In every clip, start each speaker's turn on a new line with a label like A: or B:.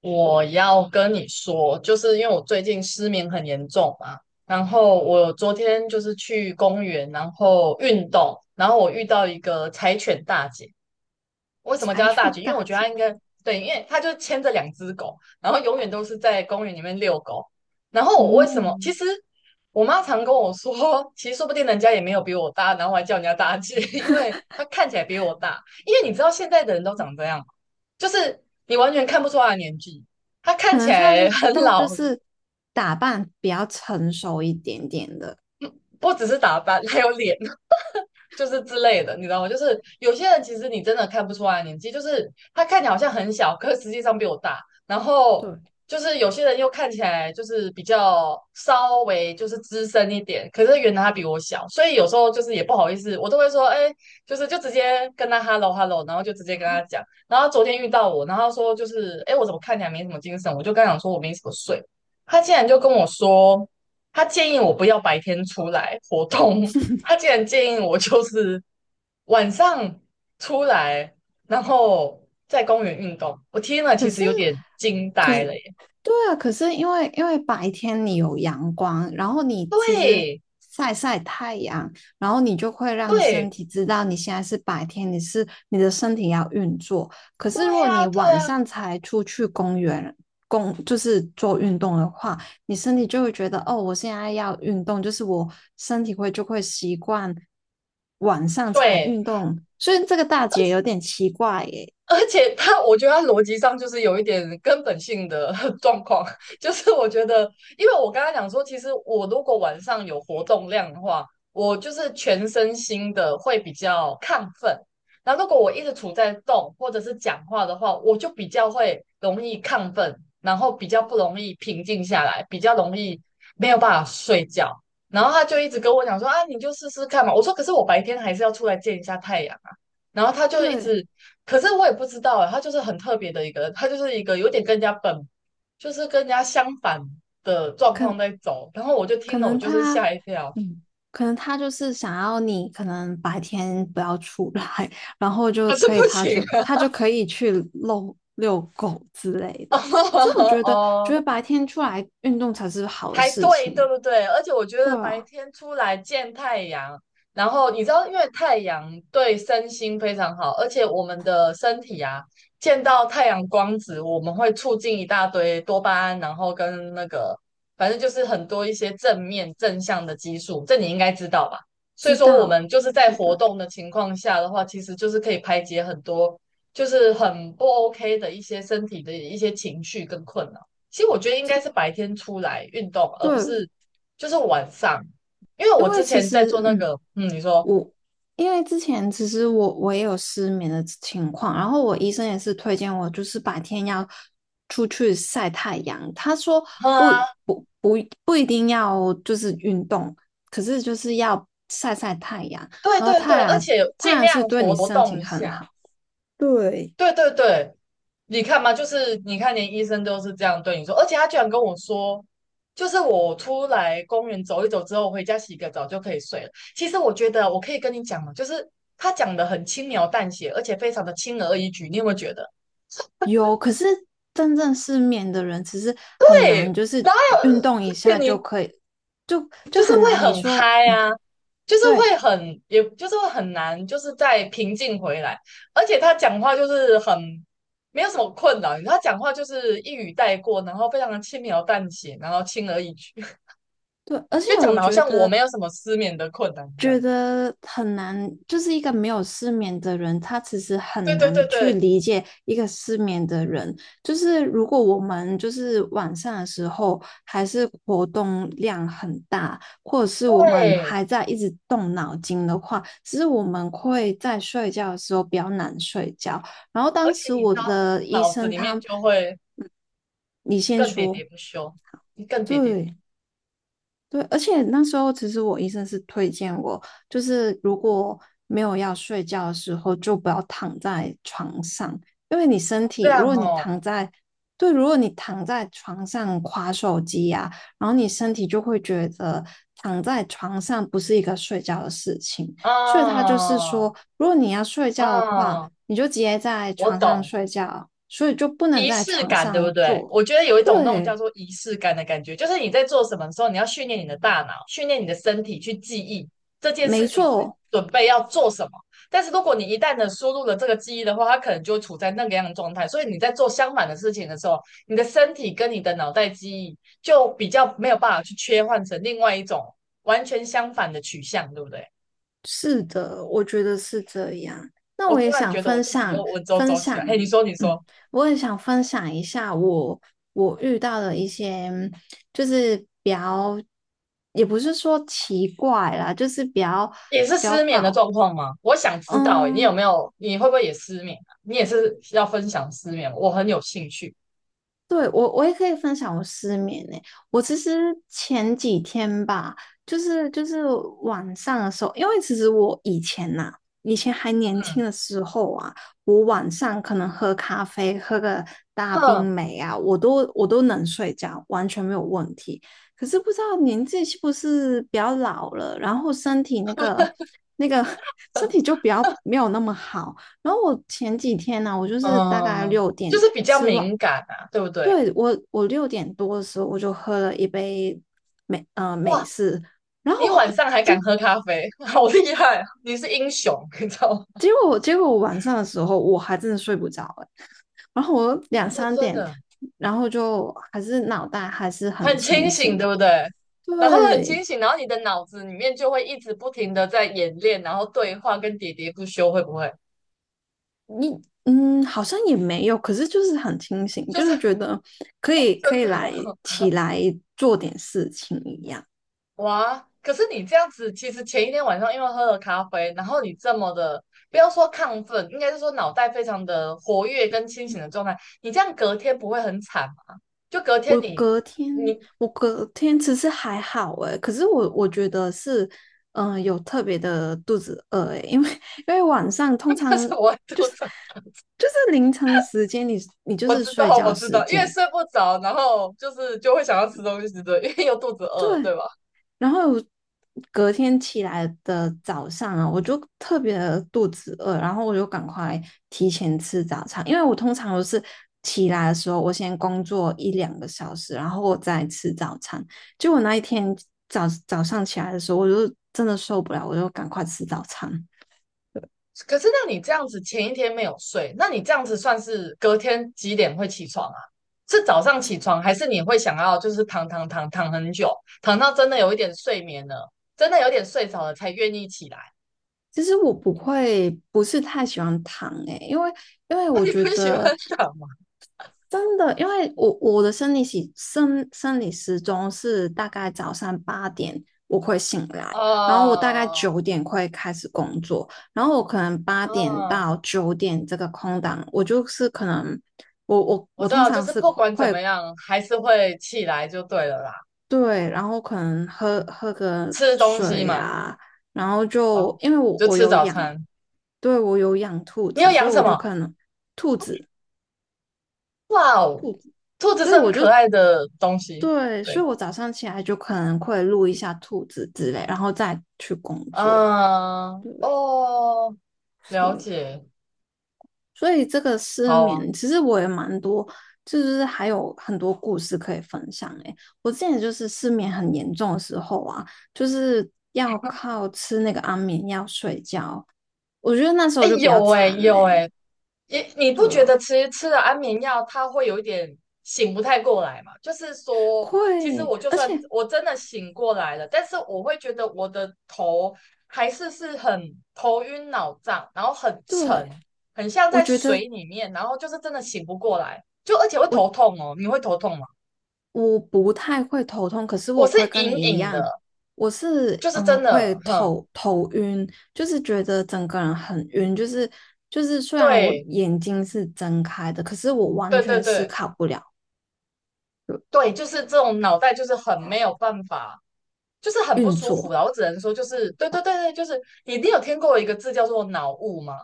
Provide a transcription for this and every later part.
A: 我要跟你说，就是因为我最近失眠很严重嘛，然后我昨天就是去公园，然后运动，然后我遇到一个柴犬大姐，为什么
B: 柴
A: 叫它大
B: 犬
A: 姐？因为我
B: 大
A: 觉得
B: 姐
A: 它应该对，因为它就牵着两只狗，然后永远都是在公园里面遛狗。然后我为什么？
B: 哦，
A: 其实我妈常跟我说，其实说不定人家也没有比我大，然后还叫人家大姐，因为她看起来比我大。因为你知道现在的人都长这样嘛就是你完全看不出她的年纪，她
B: 可
A: 看起
B: 能她就
A: 来很
B: 她就
A: 老，
B: 是打扮比较成熟一点点的。
A: 不只是打扮，还有脸。就是之类的，你知道吗？就是有些人其实你真的看不出来年纪，就是他看起来好像很小，可是实际上比我大。然后
B: 对，
A: 就是有些人又看起来就是比较稍微就是资深一点，可是原来他比我小，所以有时候就是也不好意思，我都会说，哎、就是就直接跟他 hello，然后就直接跟
B: 好，
A: 他讲。然后昨天遇到我，然后他说就是，哎、我怎么看起来没什么精神？我就跟他讲说我没什么睡，他竟然就跟我说。他建议我不要白天出来活动，他竟然建议我就是晚上出来，然后在公园运动。我听了其
B: 可
A: 实
B: 是，
A: 有点惊
B: 可
A: 呆
B: 是，
A: 了耶！
B: 对啊，可是因为白天你有阳光，然后你其实
A: 对
B: 晒晒太阳，然后你就会让身
A: 对
B: 体知道你现在是白天，你是你的身体要运作。可
A: 对
B: 是如果
A: 啊，
B: 你
A: 对
B: 晚
A: 啊，
B: 上才出去公园就是做运动的话，你身体就会觉得哦，我现在要运动，就是我身体会就会习惯晚上才
A: 对，
B: 运动，所以这个大姐有点奇怪耶。
A: 而且他，我觉得他逻辑上就是有一点根本性的 状况，就是我觉得，因为我刚才讲说，其实我如果晚上有活动量的话，我就是全身心的会比较亢奋。那如果我一直处在动或者是讲话的话，我就比较会容易亢奋，然后比较不容易平静下来，比较容易没有办法睡觉。然后他就一直跟我讲说啊，你就试试看嘛。我说可是我白天还是要出来见一下太阳啊。然后他就一
B: 对，
A: 直可是我也不知道哎，他就是很特别的一个，他就是一个有点跟人家本，就是跟人家相反的状况
B: 可
A: 在走。然后我就
B: 可
A: 听了，我
B: 能
A: 就是
B: 他，
A: 吓一跳，
B: 嗯，可能他就是想要你，可能白天不要出来，然后就
A: 可是
B: 可
A: 不
B: 以，
A: 行
B: 他
A: 啊。
B: 就可以去遛遛狗之类的。可是我
A: 哦
B: 觉得，觉
A: 哦
B: 得白天出来运动才是好的
A: 才
B: 事
A: 对，对
B: 情。
A: 不对？而且我觉
B: 对
A: 得白
B: 啊，
A: 天出来见太阳，然后你知道，因为太阳对身心非常好，而且我们的身体啊，见到太阳光子，我们会促进一大堆多巴胺，然后跟那个，反正就是很多一些正面正向的激素，这你应该知道吧？所以
B: 知
A: 说，我们
B: 道，
A: 就是在
B: 对
A: 活
B: 对
A: 动的情况下的话，其实就是可以排解很多，就是很不 OK 的一些身体的一些情绪跟困扰。其实我觉得应该是白天出来运动，而不
B: 对，
A: 是就是晚上，因为
B: 因
A: 我
B: 为
A: 之
B: 其
A: 前在做
B: 实，
A: 那
B: 嗯，
A: 个，你说，
B: 我因为之前其实我也有失眠的情况，然后我医生也是推荐我，就是白天要出去晒太阳。他说
A: 哼
B: 不
A: 啊，
B: 不不不一定要就是运动，可是就是要晒晒太阳。
A: 对
B: 然后
A: 对对，而且
B: 太
A: 尽
B: 阳
A: 量
B: 是对你
A: 活活
B: 身
A: 动
B: 体
A: 一
B: 很
A: 下，
B: 好。对，
A: 对对对，你看嘛，就是你看连医生都是这样对你说，而且他居然跟我说，就是我出来公园走一走之后，回家洗个澡就可以睡了。其实我觉得我可以跟你讲嘛，就是他讲的很轻描淡写，而且非常的轻而易举，你有没有觉得？
B: 有，可是真正失眠的人其实很难，就是
A: 然后有，
B: 运动一
A: 而且
B: 下就
A: 你
B: 可以，
A: 就
B: 就
A: 是
B: 很
A: 会
B: 难。你
A: 很
B: 说，
A: 嗨
B: 嗯，
A: 啊，就是
B: 对，
A: 会很，也就是会很难，就是再平静回来。而且他讲话就是很没有什么困扰，他讲话就是一语带过，然后非常的轻描淡写，然后轻而易举，
B: 对，而且
A: 就讲
B: 我
A: 的好
B: 觉
A: 像我
B: 得
A: 没有什么失眠的困难一样。
B: 很难，就是一个没有失眠的人，他其实
A: 对
B: 很
A: 对对
B: 难去
A: 对
B: 理解一个失眠的人。就是如果我们就是晚上的时候还是活动量很大，或者是我们
A: 对，
B: 还在一直动脑筋的话，其实我们会在睡觉的时候比较难睡觉。然后
A: 而
B: 当
A: 且
B: 时
A: 你知
B: 我
A: 道，
B: 的医
A: 脑子
B: 生
A: 里
B: 他，
A: 面就会
B: 你先
A: 更喋
B: 说，
A: 喋不休，更喋喋，
B: 对。对，而且那时候其实我医生是推荐我，就是如果没有要睡觉的时候，就不要躺在床上，因为你身
A: 这
B: 体，如
A: 样
B: 果你
A: 哦，
B: 躺在，对，如果你躺在床上划手机呀，然后你身体就会觉得躺在床上不是一个睡觉的事情，所以他就是
A: 啊
B: 说，如果你要睡觉的话，
A: 啊，
B: 你就直接在
A: 我
B: 床上
A: 懂。
B: 睡觉，所以就不能
A: 仪
B: 在
A: 式
B: 床
A: 感，对不
B: 上
A: 对？
B: 做。
A: 我觉得有一种那种
B: 对，
A: 叫做仪式感的感觉，就是你在做什么的时候，你要训练你的大脑，训练你的身体去记忆这件
B: 没
A: 事情是
B: 错，
A: 准备要做什么。但是如果你一旦的输入了这个记忆的话，它可能就会处在那个样的状态。所以你在做相反的事情的时候，你的身体跟你的脑袋记忆就比较没有办法去切换成另外一种完全相反的取向，对不对？
B: 是的，我觉得是这样。那
A: 我
B: 我
A: 突
B: 也
A: 然
B: 想
A: 觉得我
B: 分
A: 自己
B: 享
A: 又稳绉
B: 分
A: 绉起
B: 享，
A: 来。嘿，你说，你说。
B: 嗯，我也想分享一下我遇到的一些，就是比较，也不是说奇怪啦，就是
A: 也是
B: 比较
A: 失眠的
B: 搞，
A: 状况吗？我想知道、欸你有
B: 嗯，
A: 没有？你会不会也失眠啊？你也是要分享失眠我很有兴趣。
B: 对，我也可以分享我失眠呢、我其实前几天吧，就是晚上的时候，因为其实我以前呐、以前还年
A: 嗯
B: 轻的时候啊，我晚上可能喝咖啡，喝个大冰
A: 嗯，
B: 美啊，我都能睡觉，完全没有问题。可是不知道年纪是不是比较老了，然后身体那个那个 身体就比较没有那么好。然后我前几天呢、我就是大概
A: 嗯，
B: 六
A: 就
B: 点
A: 是比较
B: 吃完
A: 敏感啊，对不对？
B: 对，我六点多的时候我就喝了一杯美
A: 哇，
B: 式，然
A: 你
B: 后
A: 晚上还
B: 结
A: 敢喝咖啡，好厉害啊你是英雄，你知道吗？
B: 结果我晚上的时候我还真的睡不着欸然后我两
A: 哦，
B: 三
A: 真
B: 点，
A: 的
B: 然后就还是脑袋还是很
A: 很
B: 清
A: 清醒，对
B: 醒。
A: 不对？然后很
B: 对
A: 清醒，然后你的脑子里面就会一直不停的在演练，然后对话跟喋喋不休，会不会？
B: 你，嗯，好像也没有，可是就是很清醒，
A: 就
B: 就是
A: 是
B: 觉得可
A: 真
B: 以
A: 的哦
B: 来起来做点事情一样。
A: 哇，可是你这样子，其实前一天晚上因为喝了咖啡，然后你这么的，不要说亢奋，应该是说脑袋非常的活跃跟清醒的状态，你这样隔天不会很惨吗？就隔天
B: 我
A: 你
B: 隔天，
A: 你
B: 我隔天其实还好诶，可是我觉得是，嗯、有特别的肚子饿诶，因为因为晚上 通
A: 那
B: 常
A: 是我会
B: 就
A: 吐
B: 是
A: 槽，
B: 就是凌晨的时间你，你就
A: 我
B: 是
A: 知
B: 睡
A: 道
B: 觉
A: 我知
B: 时
A: 道，因为
B: 间，
A: 睡不着，然后就是就会想要吃东西，对不对，因为又肚子饿，对
B: 对，
A: 吧？
B: 然后隔天起来的早上啊，我就特别的肚子饿，然后我就赶快提前吃早餐，因为我通常都是起来的时候，我先工作一两个小时，然后我再吃早餐。结果那一天早上起来的时候，我就真的受不了，我就赶快吃早餐。
A: 可是那你这样子前一天没有睡，那你这样子算是隔天几点会起床啊？是早上起床，还是你会想要就是躺很久，躺到真的有一点睡眠了，真的有点睡着了才愿意起来？
B: 其实我不会，不是太喜欢糖诶、欸因为
A: 那你不喜欢躺吗？
B: 真的，因为我的生理时钟是大概早上八点我会醒 来，然后我大概
A: 哦，
B: 九点会开始工作，然后我可能八点
A: 嗯，
B: 到九点这个空档，我就是可能
A: 我
B: 我
A: 知
B: 通
A: 道，就
B: 常
A: 是
B: 是
A: 不管怎
B: 会
A: 么样，还是会起来就对了啦。
B: 对，然后可能喝个
A: 吃东西
B: 水
A: 嘛，
B: 啊，然后
A: 哦，
B: 就因为
A: 就
B: 我
A: 吃
B: 有
A: 早
B: 养，
A: 餐。
B: 对我有养兔
A: 你有
B: 子，所
A: 养
B: 以
A: 什
B: 我就
A: 么？
B: 可能兔子，
A: 哇哦，兔子
B: 所
A: 是
B: 以
A: 很
B: 我就
A: 可爱的东西。
B: 对，所
A: 对。
B: 以我早上起来就可能会录一下兔子之类，然后再去工作。
A: 嗯，
B: 对，
A: 哦，了
B: 是。
A: 解，
B: 所以这个失
A: 好啊，
B: 眠，其实我也蛮多，就是还有很多故事可以分享诶。我之前就是失眠很严重的时候啊，就是要靠吃那个安眠药睡觉，我觉得那时
A: 哎，
B: 候就比较
A: 有哎，
B: 惨呢。
A: 有哎，你你不
B: 对
A: 觉
B: 啊，
A: 得其实吃了安眠药，它会有一点醒不太过来嘛？就是说，其实
B: 会，
A: 我就
B: 而且
A: 算我真的醒过来了，但是我会觉得我的头还是是很头晕脑胀，然后很沉，
B: 对，
A: 很像
B: 我
A: 在
B: 觉得。
A: 水里面，然后就是真的醒不过来，就而且会
B: 我。
A: 头痛哦，你会头痛吗？
B: 我不太会头痛，可是
A: 我
B: 我
A: 是
B: 会跟你
A: 隐
B: 一
A: 隐
B: 样，
A: 的，
B: 我是
A: 就是真
B: 会
A: 的，哼，
B: 头晕，就是觉得整个人很晕，就是就是虽然我
A: 对，
B: 眼睛是睁开的，可是我完
A: 对对
B: 全思
A: 对。
B: 考不了呃
A: 对，就是这种脑袋就是很没有办法，就是很不
B: 运
A: 舒服
B: 作。
A: 啦。我只能说，就是对对对对，就是你一定有听过一个字叫做脑雾吗？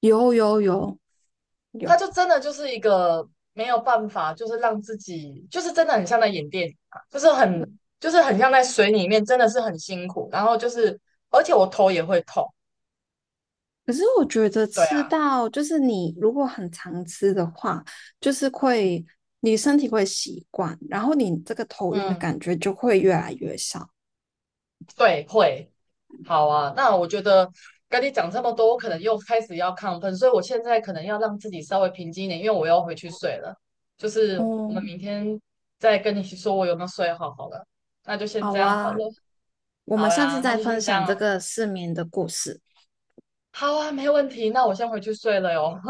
B: 有有有，
A: 它
B: 有，
A: 就真的就是一个没有办法，就是让自己就是真的很像在演电影啊，就是很就是很像在水里面，真的是很辛苦。然后就是，而且我头也会痛。
B: 可是我觉得
A: 对
B: 吃
A: 啊，
B: 到就是你如果很常吃的话，就是会你身体会习惯，然后你这个头晕的
A: 嗯
B: 感觉就会越来越少。
A: 对，会。好啊，那我觉得跟你讲这么多，我可能又开始要亢奋，所以我现在可能要让自己稍微平静一点，因为我要回去睡了。就是我们
B: 哦，
A: 明天再跟你说我有没有睡好好了，那就先
B: 好
A: 这样好
B: 啊。
A: 了。
B: 我们
A: 好
B: 上次
A: 呀，那
B: 在
A: 就
B: 分
A: 先这
B: 享这
A: 样。
B: 个失眠的故事。
A: 好啊，没问题。那我先回去睡了哟。